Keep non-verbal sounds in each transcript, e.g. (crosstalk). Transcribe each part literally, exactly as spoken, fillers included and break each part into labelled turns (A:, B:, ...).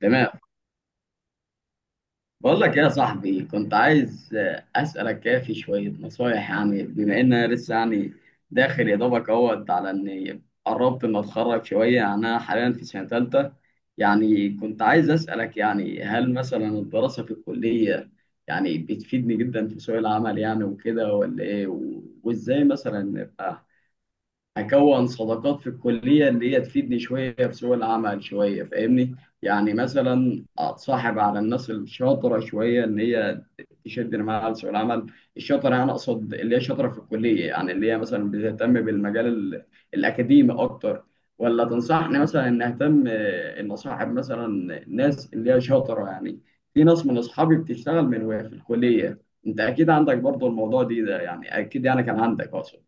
A: تمام. بقول لك يا صاحبي، كنت عايز آه، اسالك كده في شويه نصايح. يعني بما ان انا لسه يعني داخل يا دوبك اهوت على اني قربت ان اتخرج شويه، يعني انا حاليا في سنه ثالثه. يعني كنت عايز اسالك، يعني هل مثلا الدراسه في الكليه يعني بتفيدني جدا في سوق العمل يعني وكده، ولا ايه؟ و- وازاي مثلا اكون صداقات في الكليه اللي هي تفيدني شويه في سوق العمل شويه، فاهمني؟ يعني مثلا اتصاحب على الناس الشاطره شويه ان هي تشدني معاها لسوق العمل. الشاطره انا اقصد اللي هي شاطره في الكليه، يعني اللي هي مثلا بتهتم بالمجال ال- الاكاديمي اكتر. ولا تنصحني مثلا ان اهتم، آه، ان اصاحب مثلا ناس اللي هي شاطره يعني؟ في ناس من اصحابي بتشتغل من وهي في الكليه، انت اكيد عندك برضو الموضوع دي ده يعني، اكيد يعني كان عندك اقصد.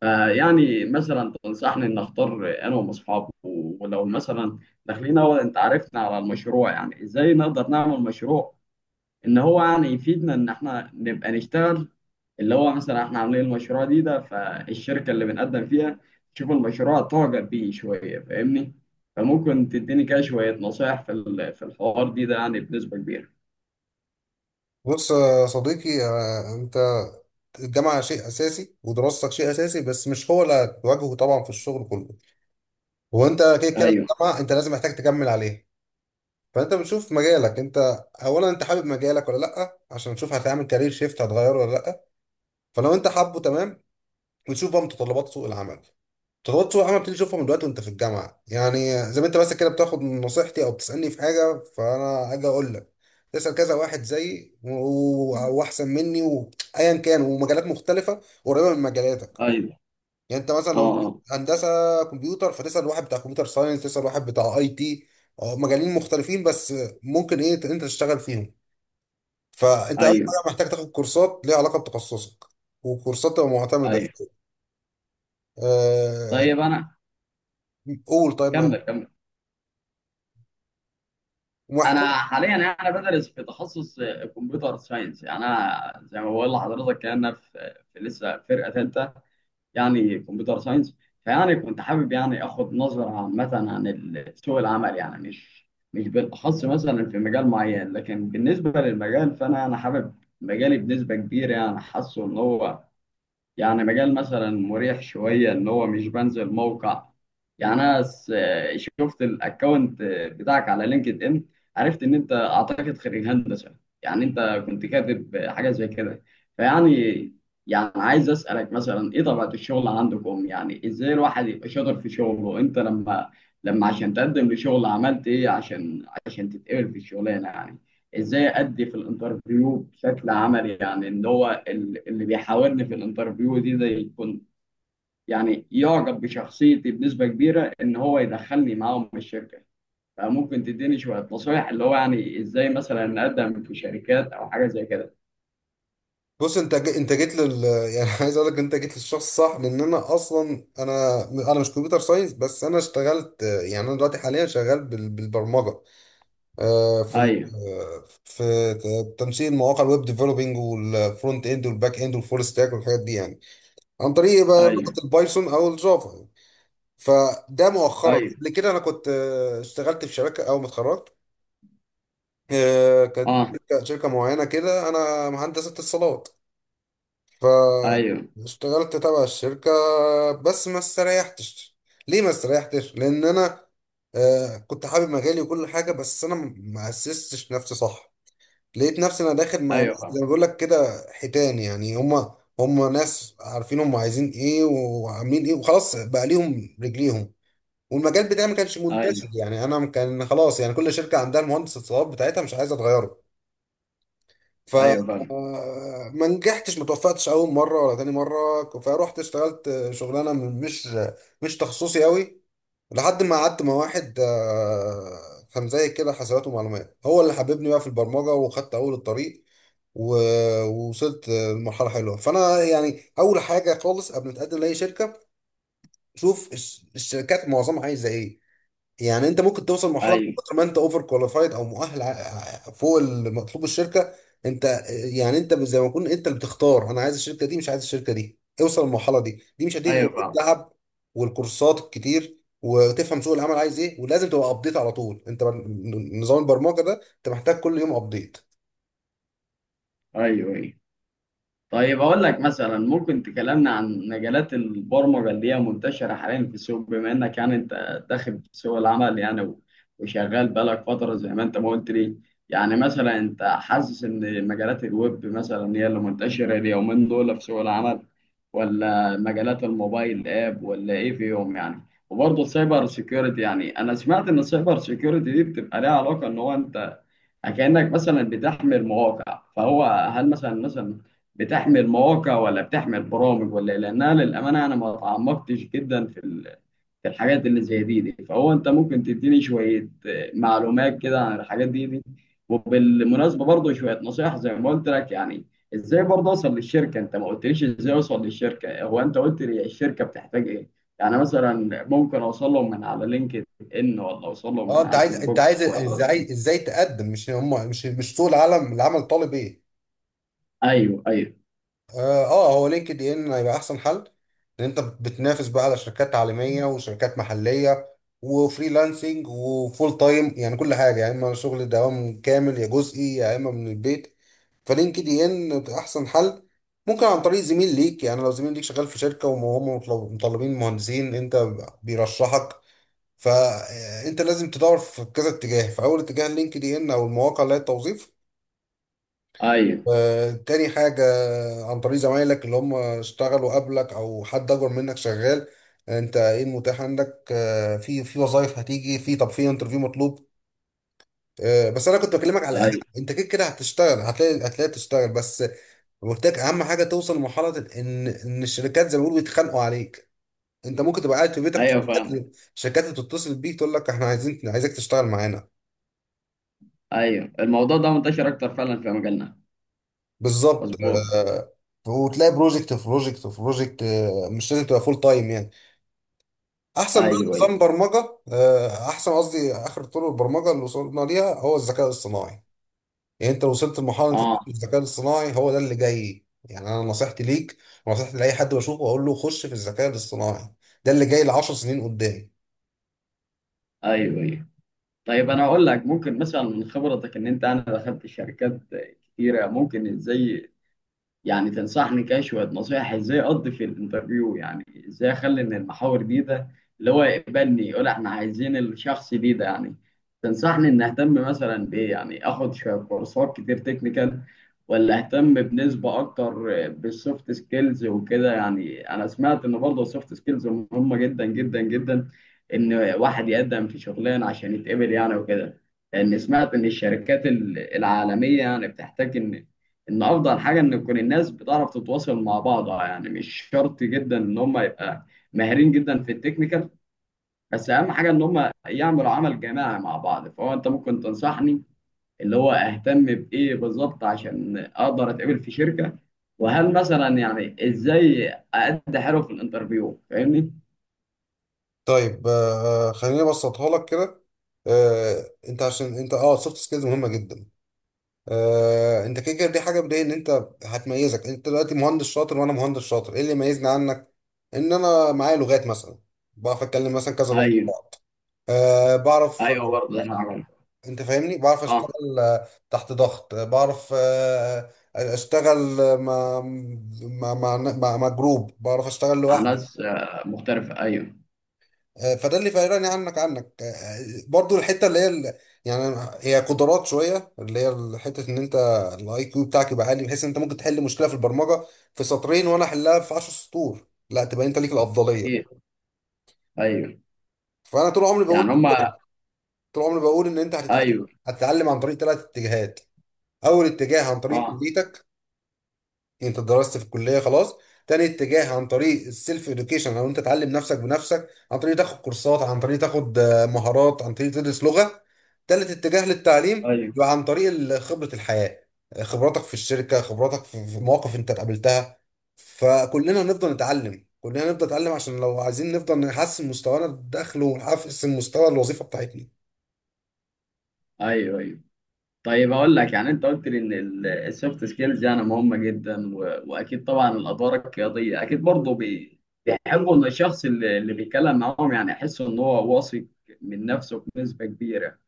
A: فيعني مثلا تنصحني ان اختار انا واصحابي ولو مثلا داخلين، هو انت عرفنا على المشروع، يعني ازاي نقدر نعمل مشروع ان هو يعني يفيدنا ان احنا نبقى نشتغل؟ اللي هو مثلا احنا عاملين المشروع دي ده، فالشركة اللي بنقدم فيها تشوف المشروع تعجب بيه شوية، فاهمني؟ فممكن تديني كده شوية نصايح في ال- في الحوار دي ده يعني بنسبة كبيرة.
B: بص يا صديقي، آه، انت الجامعة شيء اساسي، ودراستك شيء اساسي، بس مش هو اللي هتواجهه طبعا في الشغل كله. وانت كده كده
A: ايوه،
B: الجامعة انت لازم محتاج تكمل عليه. فانت بتشوف مجالك انت، اولا انت حابب مجالك ولا لا؟ عشان تشوف هتعمل كارير شيفت هتغيره ولا لا. فلو انت حابه تمام، وتشوف بقى متطلبات سوق العمل، تغطس وحاجه بتبتدي تشوفها من دلوقتي وانت في الجامعه. يعني زي ما انت بس كده بتاخد من نصيحتي او بتسالني في حاجه، فانا اجي اقول لك تسال كذا واحد زيي و- و- واحسن مني، وايا كان، ومجالات مختلفه قريبه من مجالاتك.
A: ايوه.
B: يعني انت مثلا
A: اه،
B: لو
A: آه،
B: هندسه كمبيوتر، فتسال واحد بتاع كمبيوتر ساينس، تسال واحد بتاع اي تي. اه، مجالين مختلفين بس ممكن ايه انت تشتغل فيهم. فانت اول
A: ايوه،
B: حاجه محتاج تاخد كورسات ليها علاقه بتخصصك، وكورسات تبقى معتمده
A: ايوه.
B: شوية. أه...
A: طيب انا،
B: قول طيب ما-
A: كمل كمل. انا
B: ومحتاج
A: حاليا يعني انا بدرس في تخصص كمبيوتر ساينس. يعني انا زي ما بقول لحضرتك كده، انا في في لسه فرقه ثالثه، يعني كمبيوتر ساينس. فيعني كنت حابب يعني اخد نظره عامه عن ال- سوق العمل، يعني مش مش بالاخص مثلا في مجال معين، لكن بالنسبه للمجال فانا انا حابب مجالي بنسبه كبيره، يعني حاسه ان هو يعني مجال مثلا مريح شوية، إن هو مش بنزل موقع. يعني أنا س- شفت الأكونت بتاعك على لينكد إن، عرفت إن أنت أعتقد خريج هندسة، يعني أنت كنت كاتب حاجة زي كده. فيعني، يعني عايز أسألك مثلا إيه طبيعة الشغل عندكم؟ يعني إزاي الواحد يبقى شاطر في شغله؟ أنت لما لما عشان تقدم لشغل عملت إيه عشان عشان تتقبل في الشغلانة يعني؟ ازاي ادي في الانترفيو بشكل عملي، يعني ان هو ال- اللي بيحاورني في الانترفيو دي ده يكون يعني يعجب بشخصيتي بنسبة كبيرة ان هو يدخلني معاهم الشركة. فممكن تديني شوية نصايح اللي هو يعني ازاي مثلا نقدم في شركات او حاجة زي كده؟
B: بص انت ج- انت جيت لل يعني (laughs) عايز اقول لك انت جيت للشخص الصح، لان انا اصلا انا انا مش كمبيوتر ساينس، بس انا اشتغلت. يعني انا دلوقتي حاليا شغال بال- بالبرمجه، آه، في ال-
A: ايوه،
B: آه، في ت- تنسيق المواقع الويب ديفلوبينج، والفرونت اند، والباك اند، والفول ستاك، والحاجات دي. يعني عن طريق بقى لغه
A: ايوه،
B: البايثون او الجافا يعني. فده مؤخرا.
A: ايوه.
B: قبل كده انا كنت، آه، اشتغلت في شركه اول ما اتخرجت. آه، كانت
A: اه،
B: شركه شركة معينه كده، انا مهندس اتصالات،
A: ايوه،
B: فاشتغلت تبع الشركة. بس ما استريحتش. ليه ما استريحتش؟ لأن أنا آه كنت حابب مجالي وكل حاجة، بس أنا م- ما أسستش نفسي صح. لقيت نفسي أنا داخل مع
A: ايوه،
B: ناس،
A: فاهم.
B: زي ما بقول لك كده، حيتان. يعني هما هما ناس عارفين هما عايزين إيه وعاملين إيه، وخلاص بقى ليهم رجليهم. والمجال بتاعي ما كانش منتشر.
A: ايوه،
B: يعني أنا كان خلاص، يعني كل شركة عندها المهندس اتصالات بتاعتها، مش عايزة تغيره. ف
A: ايوه، فاهم.
B: آه، ما نجحتش، ما توفقتش اول مره ولا تاني مره، فروحت اشتغلت شغلانه من- مش مش تخصصي قوي. لحد ما قعدت مع واحد، آه، كان زي كده حسابات ومعلومات، هو اللي حببني بقى في البرمجه، وخدت اول الطريق و- ووصلت لمرحله حلوه. فانا يعني اول حاجه خالص قبل ما تقدم لاي شركه، شوف الش- الشركات معظمها عايزه ايه. يعني انت ممكن توصل مرحله من
A: ايوه،
B: كتر ما انت اوفر كواليفايد او مؤهل ع- فوق المطلوب الشركه، انت يعني انت زي ما تكون انت اللي بتختار، انا عايز الشركه دي مش عايز الشركه دي. اوصل للمرحله دي، دي مش هتيجي غير
A: ايوه، فاهم.
B: بالتعب، والكورسات الكتير، وتفهم سوق العمل عايز ايه، ولازم تبقى ابديت على طول. انت بر- نظام البرمجه ده انت محتاج كل يوم ابديت.
A: ايوه، ايوه. طيب، أقول لك مثلا ممكن تكلمنا عن مجالات البرمجة اللي هي منتشرة حاليا في السوق، بما إنك يعني أنت داخل في سوق العمل يعني، و- وشغال بقالك فترة زي ما أنت ما قلت لي؟ يعني مثلا أنت حاسس إن مجالات الويب مثلا هي اللي منتشرة اليومين دول في سوق العمل، ولا مجالات الموبايل آب، ولا إيه فيهم يعني؟ وبرضه السايبر سيكيورتي، يعني أنا سمعت إن السايبر سيكيورتي دي بتبقى ليها علاقة إن هو أنت كأنك مثلا بتحمل مواقع، فهو هل مثلا، مثلا بتحمل مواقع ولا بتحمل برامج ولا إيه؟ لانها للامانه انا ما تعمقتش جدا في ال- في الحاجات اللي زي دي, دي، فهو انت ممكن تديني شويه آه، معلومات كده عن الحاجات دي, دي. وبالمناسبه برضه شويه نصائح زي ما قلت لك، يعني ازاي برضه اوصل للشركه؟ انت ما قلتليش ازاي اوصل للشركه، هو انت قلت لي الشركه بتحتاج ايه. يعني مثلا ممكن اوصل لهم من على لينكد ان، ولا اوصل لهم
B: اه
A: من
B: انت
A: على
B: عايز، انت
A: الفيسبوك،
B: عايز
A: ولا؟
B: ازاي ازاي تقدم، مش هم مش، مش سوق العالم العمل طالب ايه.
A: ايوه، ايوه،
B: اه آه، هو لينكد ان هيبقى احسن حل، لان انت بتنافس بقى على شركات عالميه وشركات محليه، وفريلانسنج وفول تايم. يعني كل حاجه، يا اما شغل دوام كامل يا جزئي يا اما من البيت. فلينكد ان بتبقى احسن حل. ممكن عن طريق زميل ليك، يعني لو زميل ليك شغال في شركه وهم مطلب- مطلبين مهندسين، انت بيرشحك. فانت لازم تدور في كذا اتجاه، في اول اتجاه لينكد ان او المواقع اللي هي التوظيف.
A: ايوه،
B: آه، تاني حاجة، عن طريق زمايلك اللي هم اشتغلوا قبلك أو حد أكبر منك شغال. أنت إيه المتاح عندك آه، في في وظائف هتيجي؟ في طب في انترفيو مطلوب، آه، بس أنا كنت بكلمك على أهم.
A: ايوه،
B: أنت كده كده هتشتغل، هتلاقي، هتلاقي تشتغل، بس قلت لك أهم حاجة توصل لمرحلة إن إن الشركات زي ما بيقولوا بيتخانقوا عليك. أنت ممكن تبقى قاعد في بيتك،
A: ايوه،
B: شركات
A: فاهم.
B: شركات بتتصل بيك تقول لك إحنا عايزين عايزك تشتغل معانا.
A: ايوه، الموضوع ده منتشر اكتر فعلا في مجالنا.
B: بالظبط.
A: مظبوط.
B: آه، وتلاقي بروجكت في بروجكت في بروجكت. آه، مش لازم تبقى فول تايم يعني. احسن بقى
A: ايوه، ايوه.
B: نظام برمجه، آه، احسن قصدي اخر طرق البرمجه اللي وصلنا ليها، هو الذكاء الصناعي. يعني انت لو وصلت لمرحله انت تطلب
A: اه،
B: الذكاء الصناعي، هو ده اللي جاي. يعني انا نصيحتي ليك ونصيحتي لاي حد بشوفه اقول له خش في الذكاء الاصطناعي، ده اللي جاي ل عشر سنين قدام.
A: ايوه، ايوه. طيب انا اقول لك، ممكن مثلا من خبرتك ان انت انا دخلت شركات كتيره، ممكن ازاي يعني تنصحني كده شوية نصايح ازاي اقضي في الانترفيو؟ يعني ازاي اخلي ان المحاور دي ده اللي هو يقبلني، يقول احنا عايزين الشخص دي ده يعني. تنصحني ان اهتم مثلا بايه؟ يعني اخد شوية كورسات كتير تكنيكال، ولا اهتم بنسبة اكتر بالسوفت سكيلز وكده؟ يعني انا سمعت ان برضه السوفت سكيلز مهمة جدا جدا جدا، ان واحد يقدم في شغلانة عشان يتقبل يعني وكده. لان سمعت ان الشركات ال- العالمية يعني بتحتاج ان ان افضل حاجه ان تكون الناس بتعرف تتواصل مع بعضها، يعني مش شرط جدا ان هم يبقى ماهرين جدا في التكنيكال، بس اهم حاجه ان هم يعملوا عمل جماعي مع بعض. فهو انت ممكن تنصحني اللي هو اهتم بايه بالظبط عشان اقدر اتقبل في شركه؟ وهل مثلا يعني ازاي أأدي حلو في الانترفيو، فاهمني؟
B: طيب، آه، آه، خليني ابسطها لك كده. آه، انت عشان انت اه سوفت سكيلز مهمه جدا. آه، انت كده كده دي حاجه بدايه ان انت هتميزك. انت دلوقتي مهندس شاطر وانا مهندس شاطر، ايه اللي يميزني عنك؟ ان انا معايا لغات مثلا، بعرف اتكلم مثلا كذا لغه مع
A: ايوه،
B: بعض. أه بعرف،
A: ايوه، برضه احنا عملنا.
B: انت فاهمني، بعرف
A: اه،
B: اشتغل آه، تحت ضغط، آه، بعرف آه، آه، اشتغل آه، مع مع مع, مع, مع جروب، بعرف اشتغل
A: مع
B: لوحدي.
A: ناس آه، مختلفه. ايوه،
B: آه، فده اللي فرقني عنك عنك آه، آه، برضو الحته اللي هي ال- يعني هي قدرات شويه، اللي هي حته ان انت الاي كيو بتاعك يبقى عالي، بحيث ان انت ممكن تحل مشكله في البرمجه في سطرين وانا احلها في عشر سطور، لا تبقى انت ليك
A: اكيد.
B: الافضليه.
A: ايوه،
B: فانا طول عمري
A: يعني
B: بقول
A: هم.
B: كده، طول عمري بقول ان انت هتتعلم.
A: ايوه.
B: هتتعلم عن طريق ثلاث اتجاهات. اول اتجاه عن طريق
A: اه،
B: كليتك، انت درست في الكليه خلاص. تاني اتجاه عن طريق السيلف اديوكيشن، او انت تعلم نفسك بنفسك، عن طريق تاخد كورسات، عن طريق تاخد آه، مهارات، عن طريق تدرس لغه. تالت اتجاه للتعليم
A: ايوه،
B: يبقى عن طريق ال- خبره الحياه، آه، خبراتك في الشركه، خبراتك في في مواقف انت قابلتها. فكلنا هنفضل نتعلم، كلنا هنفضل نتعلم، عشان لو عايزين نفضل نحسن مستوانا الدخل ونحسن مستوى الوظيفه بتاعتنا.
A: ايوه، ايوه. طيب اقول لك، يعني انت قلت لي ان السوفت سكيلز يعني مهمه جدا، و- واكيد طبعا الادوار القياديه اكيد برضه بي- بيحبوا ان الشخص اللي اللي بيتكلم معاهم يعني يحس ان هو واثق من نفسه بنسبه كبيره.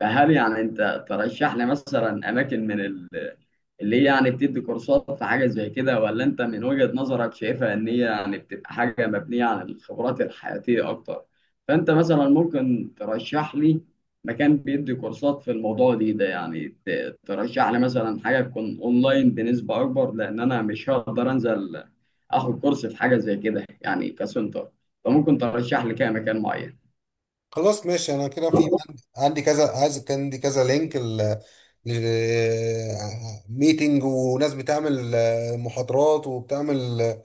A: فهل يعني انت ترشح لي مثلا اماكن من ال- اللي هي يعني بتدي كورسات في حاجه زي كده، ولا انت من وجهه نظرك شايفها ان هي يعني بتبقى حاجه مبنيه على الخبرات الحياتيه اكتر؟ فانت مثلا ممكن ترشح لي مكان بيدي كورسات في الموضوع دي ده يعني؟ ت- ترشح لي مثلا حاجه تكون اونلاين بنسبه اكبر، لان انا مش هقدر انزل اخد كورس في حاجه زي كده يعني كسنتر. فممكن ترشح لي كده مكان معين؟
B: خلاص ماشي. انا كده في عندي عندي كذا، عايز كان عندي كذا لينك ل ميتنج وناس بتعمل آه، محاضرات، وبتعمل آه،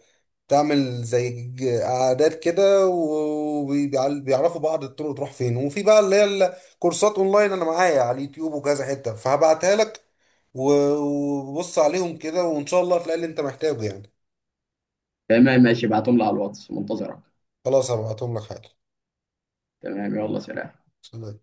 B: بتعمل زي ج- قعدات كده، وبيعرفوا بعض الطرق تروح فين. وفي بقى اللي هي الكورسات اونلاين، انا معايا على اليوتيوب وكذا حتة، فهبعتها لك و- وبص عليهم كده، وان شاء الله هتلاقي اللي انت محتاجه يعني.
A: تمام، ماشي، ابعتهم لي على الواتس، منتظرك.
B: خلاص هبعتهم لك حالا.
A: تمام، يلا، سلام.
B: سلام.